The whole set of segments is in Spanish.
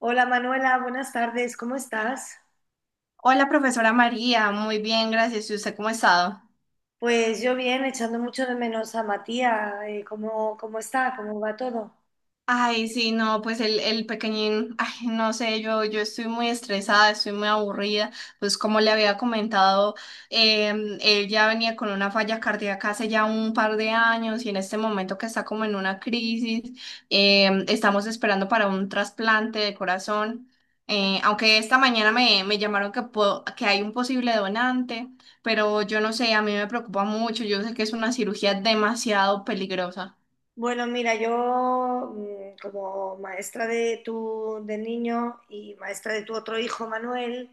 Hola Manuela, buenas tardes, ¿cómo estás? Hola, profesora María, muy bien, gracias. ¿Y usted cómo ha estado? Pues yo bien, echando mucho de menos a Matías, ¿Cómo está? ¿Cómo va todo? Ay, sí, no, pues el pequeñín, ay, no sé, yo estoy muy estresada, estoy muy aburrida, pues como le había comentado, él ya venía con una falla cardíaca hace ya un par de años y en este momento que está como en una crisis. Estamos esperando para un trasplante de corazón. Aunque esta mañana me llamaron que, que hay un posible donante, pero yo no sé, a mí me preocupa mucho, yo sé que es una cirugía demasiado peligrosa. Bueno, mira, yo como maestra de tu del niño y maestra de tu otro hijo Manuel,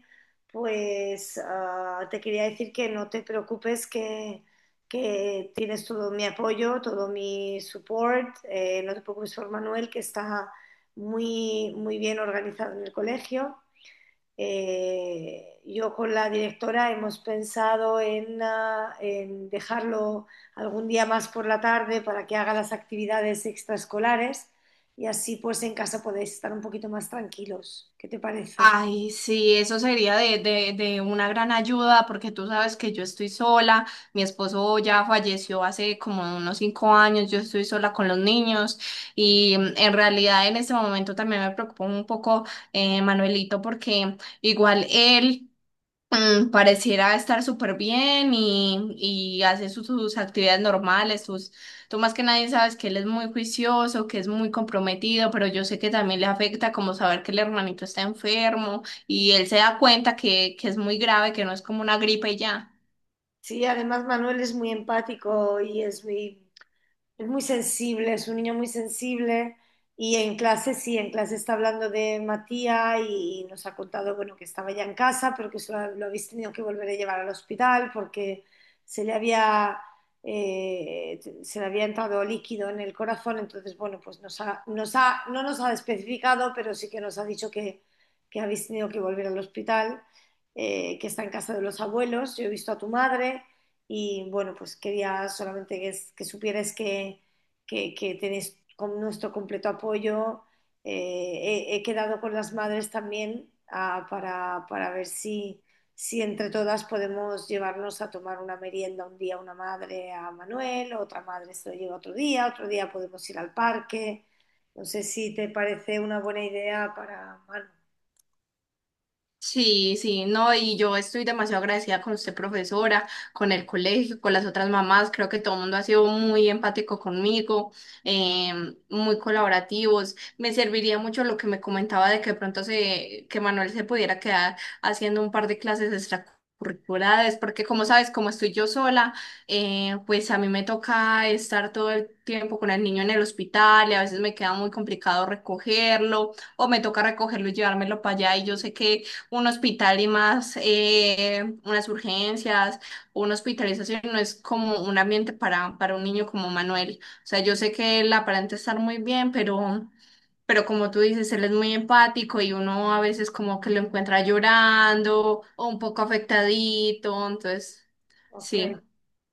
pues te quería decir que no te preocupes, que tienes todo mi apoyo, todo mi support, no te preocupes por Manuel, que está muy, muy bien organizado en el colegio. Yo con la directora hemos pensado en dejarlo algún día más por la tarde para que haga las actividades extraescolares y así pues en casa podéis estar un poquito más tranquilos. ¿Qué te parece? Ay, sí, eso sería de una gran ayuda porque tú sabes que yo estoy sola, mi esposo ya falleció hace como unos 5 años, yo estoy sola con los niños y en realidad en este momento también me preocupa un poco, Manuelito, porque igual él pareciera estar súper bien y hace sus actividades normales, tú más que nadie sabes que él es muy juicioso, que es muy comprometido, pero yo sé que también le afecta como saber que el hermanito está enfermo y él se da cuenta que es muy grave, que no es como una gripe y ya. Sí, además Manuel es muy empático y es muy Es muy sensible, es un niño muy sensible y en clase sí, en clase está hablando de Matías y nos ha contado, bueno, que estaba ya en casa, pero que lo habéis tenido que volver a llevar al hospital porque se le se le había entrado líquido en el corazón, entonces, bueno, pues no nos ha especificado, pero sí que nos ha dicho que habéis tenido que volver al hospital, que está en casa de los abuelos, yo he visto a tu madre y bueno, pues quería solamente que supieras que tienes con nuestro completo apoyo. He quedado con las madres también para ver si, si entre todas podemos llevarnos a tomar una merienda un día una madre a Manuel, otra madre se lo lleva otro día podemos ir al parque. No sé si te parece una buena idea para Manu. Sí, sí, no, y yo estoy demasiado agradecida con usted, profesora, con el colegio, con las otras mamás. Creo que todo el mundo ha sido muy empático conmigo, muy colaborativos. Me serviría mucho lo que me comentaba de que de pronto que Manuel se pudiera quedar haciendo un par de clases extracurriculares, porque como sabes, como estoy yo sola, pues a mí me toca estar todo el tiempo con el niño en el hospital y a veces me queda muy complicado recogerlo, o me toca recogerlo y llevármelo para allá, y yo sé que un hospital, y más unas urgencias, una hospitalización, no es como un ambiente para, un niño como Manuel. O sea, yo sé que él aparenta estar muy bien, pero como tú dices, él es muy empático y uno a veces como que lo encuentra llorando o un poco afectadito, entonces, Ok. sí.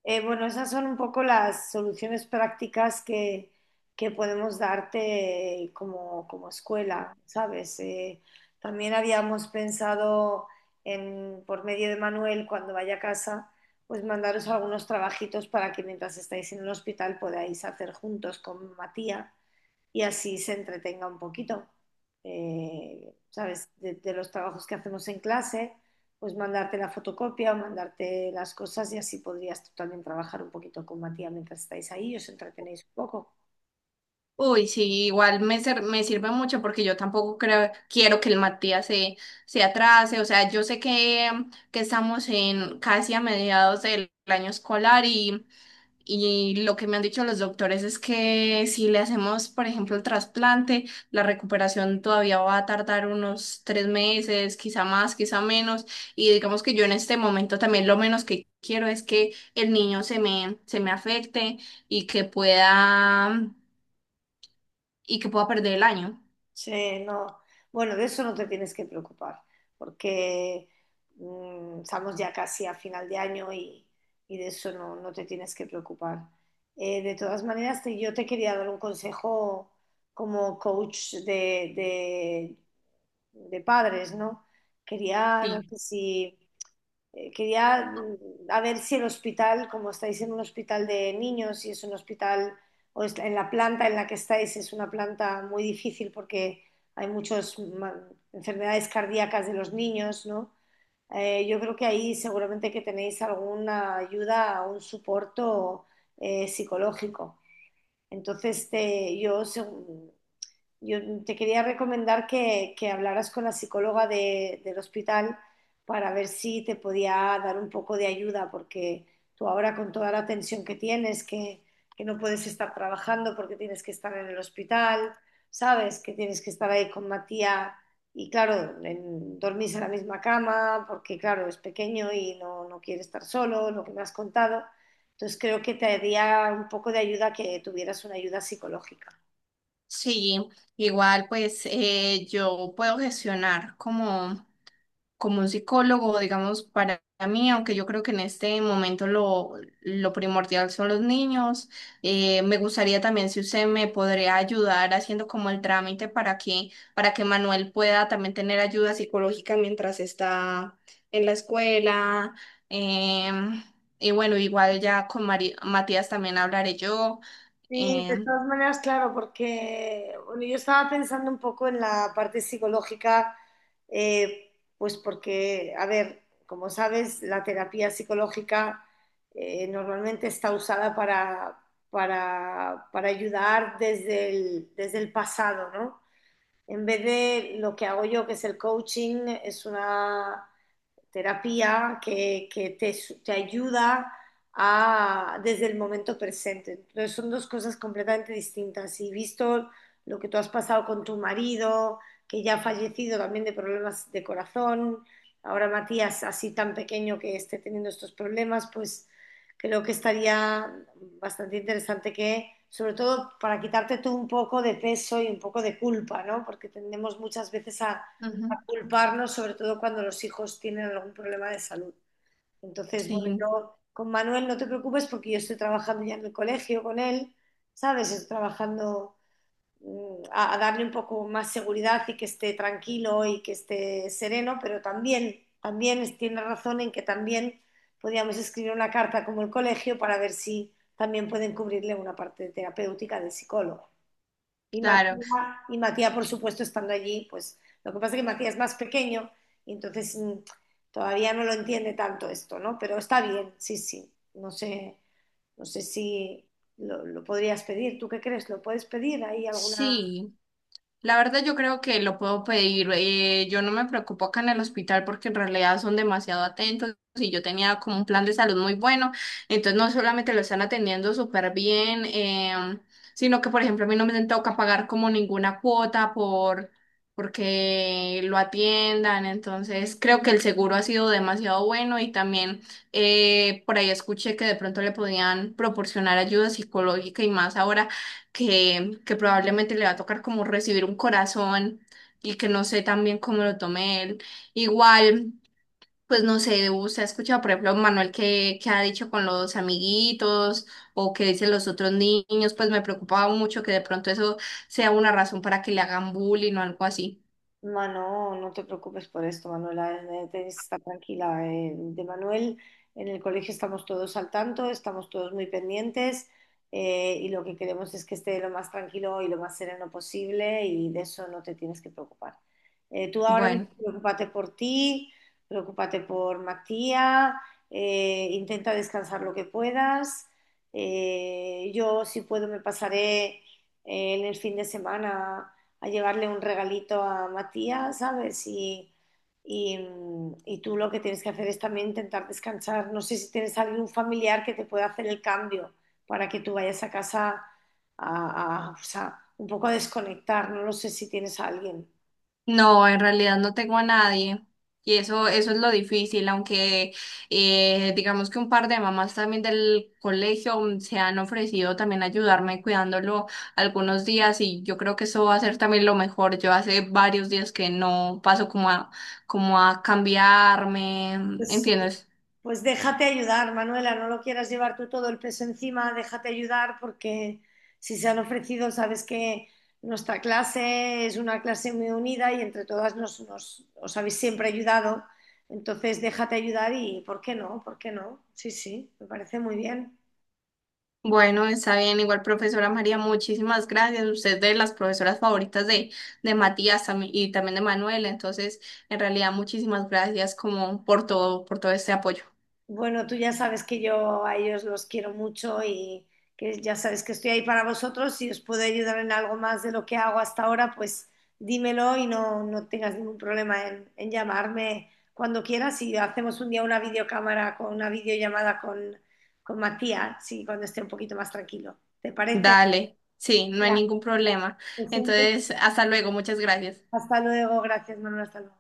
Bueno, esas son un poco las soluciones prácticas que podemos darte como escuela, ¿sabes? También habíamos pensado en, por medio de Manuel, cuando vaya a casa, pues mandaros algunos trabajitos para que mientras estáis en el hospital podáis hacer juntos con Matías y así se entretenga un poquito. ¿Sabes? De los trabajos que hacemos en clase, pues mandarte la fotocopia o mandarte las cosas y así podrías tú también trabajar un poquito con Matías mientras estáis ahí y os entretenéis un poco. Uy, sí, igual me sirve mucho, porque yo tampoco creo, quiero que el Matías se, se atrase. O sea, yo sé que estamos en casi a mediados del año escolar, y lo que me han dicho los doctores es que si le hacemos, por ejemplo, el trasplante, la recuperación todavía va a tardar unos 3 meses, quizá más, quizá menos. Y digamos que yo en este momento también lo menos que quiero es que el niño se me afecte, y que pueda y que pueda perder el año. Sí, no. Bueno, de eso no te tienes que preocupar, porque estamos ya casi a final de año y de eso no te tienes que preocupar. De todas maneras, yo te quería dar un consejo como coach de de padres, ¿no? Quería, no Sí. sé si, quería, a ver si el hospital, como estáis en un hospital de niños, si es un hospital o en la planta en la que estáis es una planta muy difícil porque hay muchas enfermedades cardíacas de los niños, ¿no? Yo creo que ahí seguramente que tenéis alguna ayuda, un soporte psicológico. Entonces, yo te quería recomendar que hablaras con la psicóloga del hospital para ver si te podía dar un poco de ayuda, porque tú ahora con toda la tensión que tienes, que no puedes estar trabajando porque tienes que estar en el hospital, sabes que tienes que estar ahí con Matías y claro, dormís en la misma cama porque claro, es pequeño y no quiere estar solo, lo que me has contado. Entonces creo que te haría un poco de ayuda que tuvieras una ayuda psicológica. Sí, igual pues yo puedo gestionar como un psicólogo, digamos, para mí, aunque yo creo que en este momento lo primordial son los niños. Me gustaría también si usted me podría ayudar haciendo como el trámite para que Manuel pueda también tener ayuda psicológica mientras está en la escuela. em, y bueno, igual ya con Matías también hablaré yo. Sí, de em, todas maneras, claro, porque bueno, yo estaba pensando un poco en la parte psicológica, eh, pues porque, a ver, como sabes, la terapia psicológica normalmente está usada para ayudar desde desde el pasado, ¿no? En vez de lo que hago yo, que es el coaching, es una terapia que te ayuda a, desde el momento presente. Entonces son dos cosas completamente distintas. Y visto lo que tú has pasado con tu marido, que ya ha fallecido también de problemas de corazón, ahora Matías así tan pequeño que esté teniendo estos problemas, pues creo que estaría bastante interesante que, sobre todo para quitarte tú un poco de peso y un poco de culpa, ¿no? Porque tendemos muchas veces Ujú. a culparnos, sobre todo cuando los hijos tienen algún problema de salud. Entonces, bueno, Sí, yo con Manuel no te preocupes porque yo estoy trabajando ya en el colegio con él, ¿sabes? Estoy trabajando, a darle un poco más seguridad y que esté tranquilo y que esté sereno, pero también, también tiene razón en que también podríamos escribir una carta como el colegio para ver si también pueden cubrirle una parte terapéutica del psicólogo. Y claro. Matías, y Matías, por supuesto, estando allí, pues lo que pasa es que Matías es más pequeño y entonces todavía no lo entiende tanto esto, ¿no? Pero está bien, sí, sí. No sé, no sé si lo podrías pedir. ¿Tú qué crees? ¿Lo puedes pedir? ¿Hay alguna? Sí. La verdad yo creo que lo puedo pedir. Yo no me preocupo acá en el hospital porque en realidad son demasiado atentos y yo tenía como un plan de salud muy bueno. Entonces no solamente lo están atendiendo súper bien, sino que, por ejemplo, a mí no me toca pagar como ninguna cuota porque lo atiendan. Entonces creo que el seguro ha sido demasiado bueno y también por ahí escuché que de pronto le podían proporcionar ayuda psicológica, y más ahora que probablemente le va a tocar como recibir un corazón, y que no sé también cómo lo tome él. Igual, pues no sé, usted ha escuchado, por ejemplo, Manuel que ha dicho con los amiguitos, o que dicen los otros niños, pues me preocupaba mucho que de pronto eso sea una razón para que le hagan bullying o algo así. Mano, no te preocupes por esto, Manuela, tienes que estar tranquila. De Manuel, en el colegio estamos todos al tanto, estamos todos muy pendientes, y lo que queremos es que esté lo más tranquilo y lo más sereno posible y de eso no te tienes que preocupar. Tú ahora mismo Bueno. preocúpate por ti, preocúpate por Matías, intenta descansar lo que puedas. Yo, si puedo, me pasaré en el fin de semana a llevarle un regalito a Matías, ¿sabes? Y, y tú lo que tienes que hacer es también intentar descansar. No sé si tienes algún familiar que te pueda hacer el cambio para que tú vayas a casa a, o sea, un poco a desconectar. No lo sé si tienes a alguien. No, en realidad no tengo a nadie. Y eso es lo difícil, aunque digamos que un par de mamás también del colegio se han ofrecido también ayudarme cuidándolo algunos días, y yo creo que eso va a ser también lo mejor. Yo hace varios días que no paso como a cambiarme, Pues sí, ¿entiendes? pues déjate ayudar, Manuela, no lo quieras llevar tú todo el peso encima, déjate ayudar porque si se han ofrecido, sabes que nuestra clase es una clase muy unida y entre todas os habéis siempre ayudado, entonces déjate ayudar y ¿por qué no? ¿Por qué no? Sí, sí, me parece muy bien. Bueno, está bien. Igual, profesora María, muchísimas gracias. Usted es de las profesoras favoritas de Matías tam- y también de Manuel. Entonces, en realidad, muchísimas gracias como por todo este apoyo. Bueno, tú ya sabes que yo a ellos los quiero mucho y que ya sabes que estoy ahí para vosotros. Si os puedo ayudar en algo más de lo que hago hasta ahora, pues dímelo y no tengas ningún problema en llamarme cuando quieras y hacemos un día una videocámara con una videollamada con Matías, sí, cuando esté un poquito más tranquilo. ¿Te parece? Dale, sí, no hay Ya, ningún problema. pues, Entonces, hasta luego. Muchas gracias. hasta luego, gracias, Manuel, hasta luego.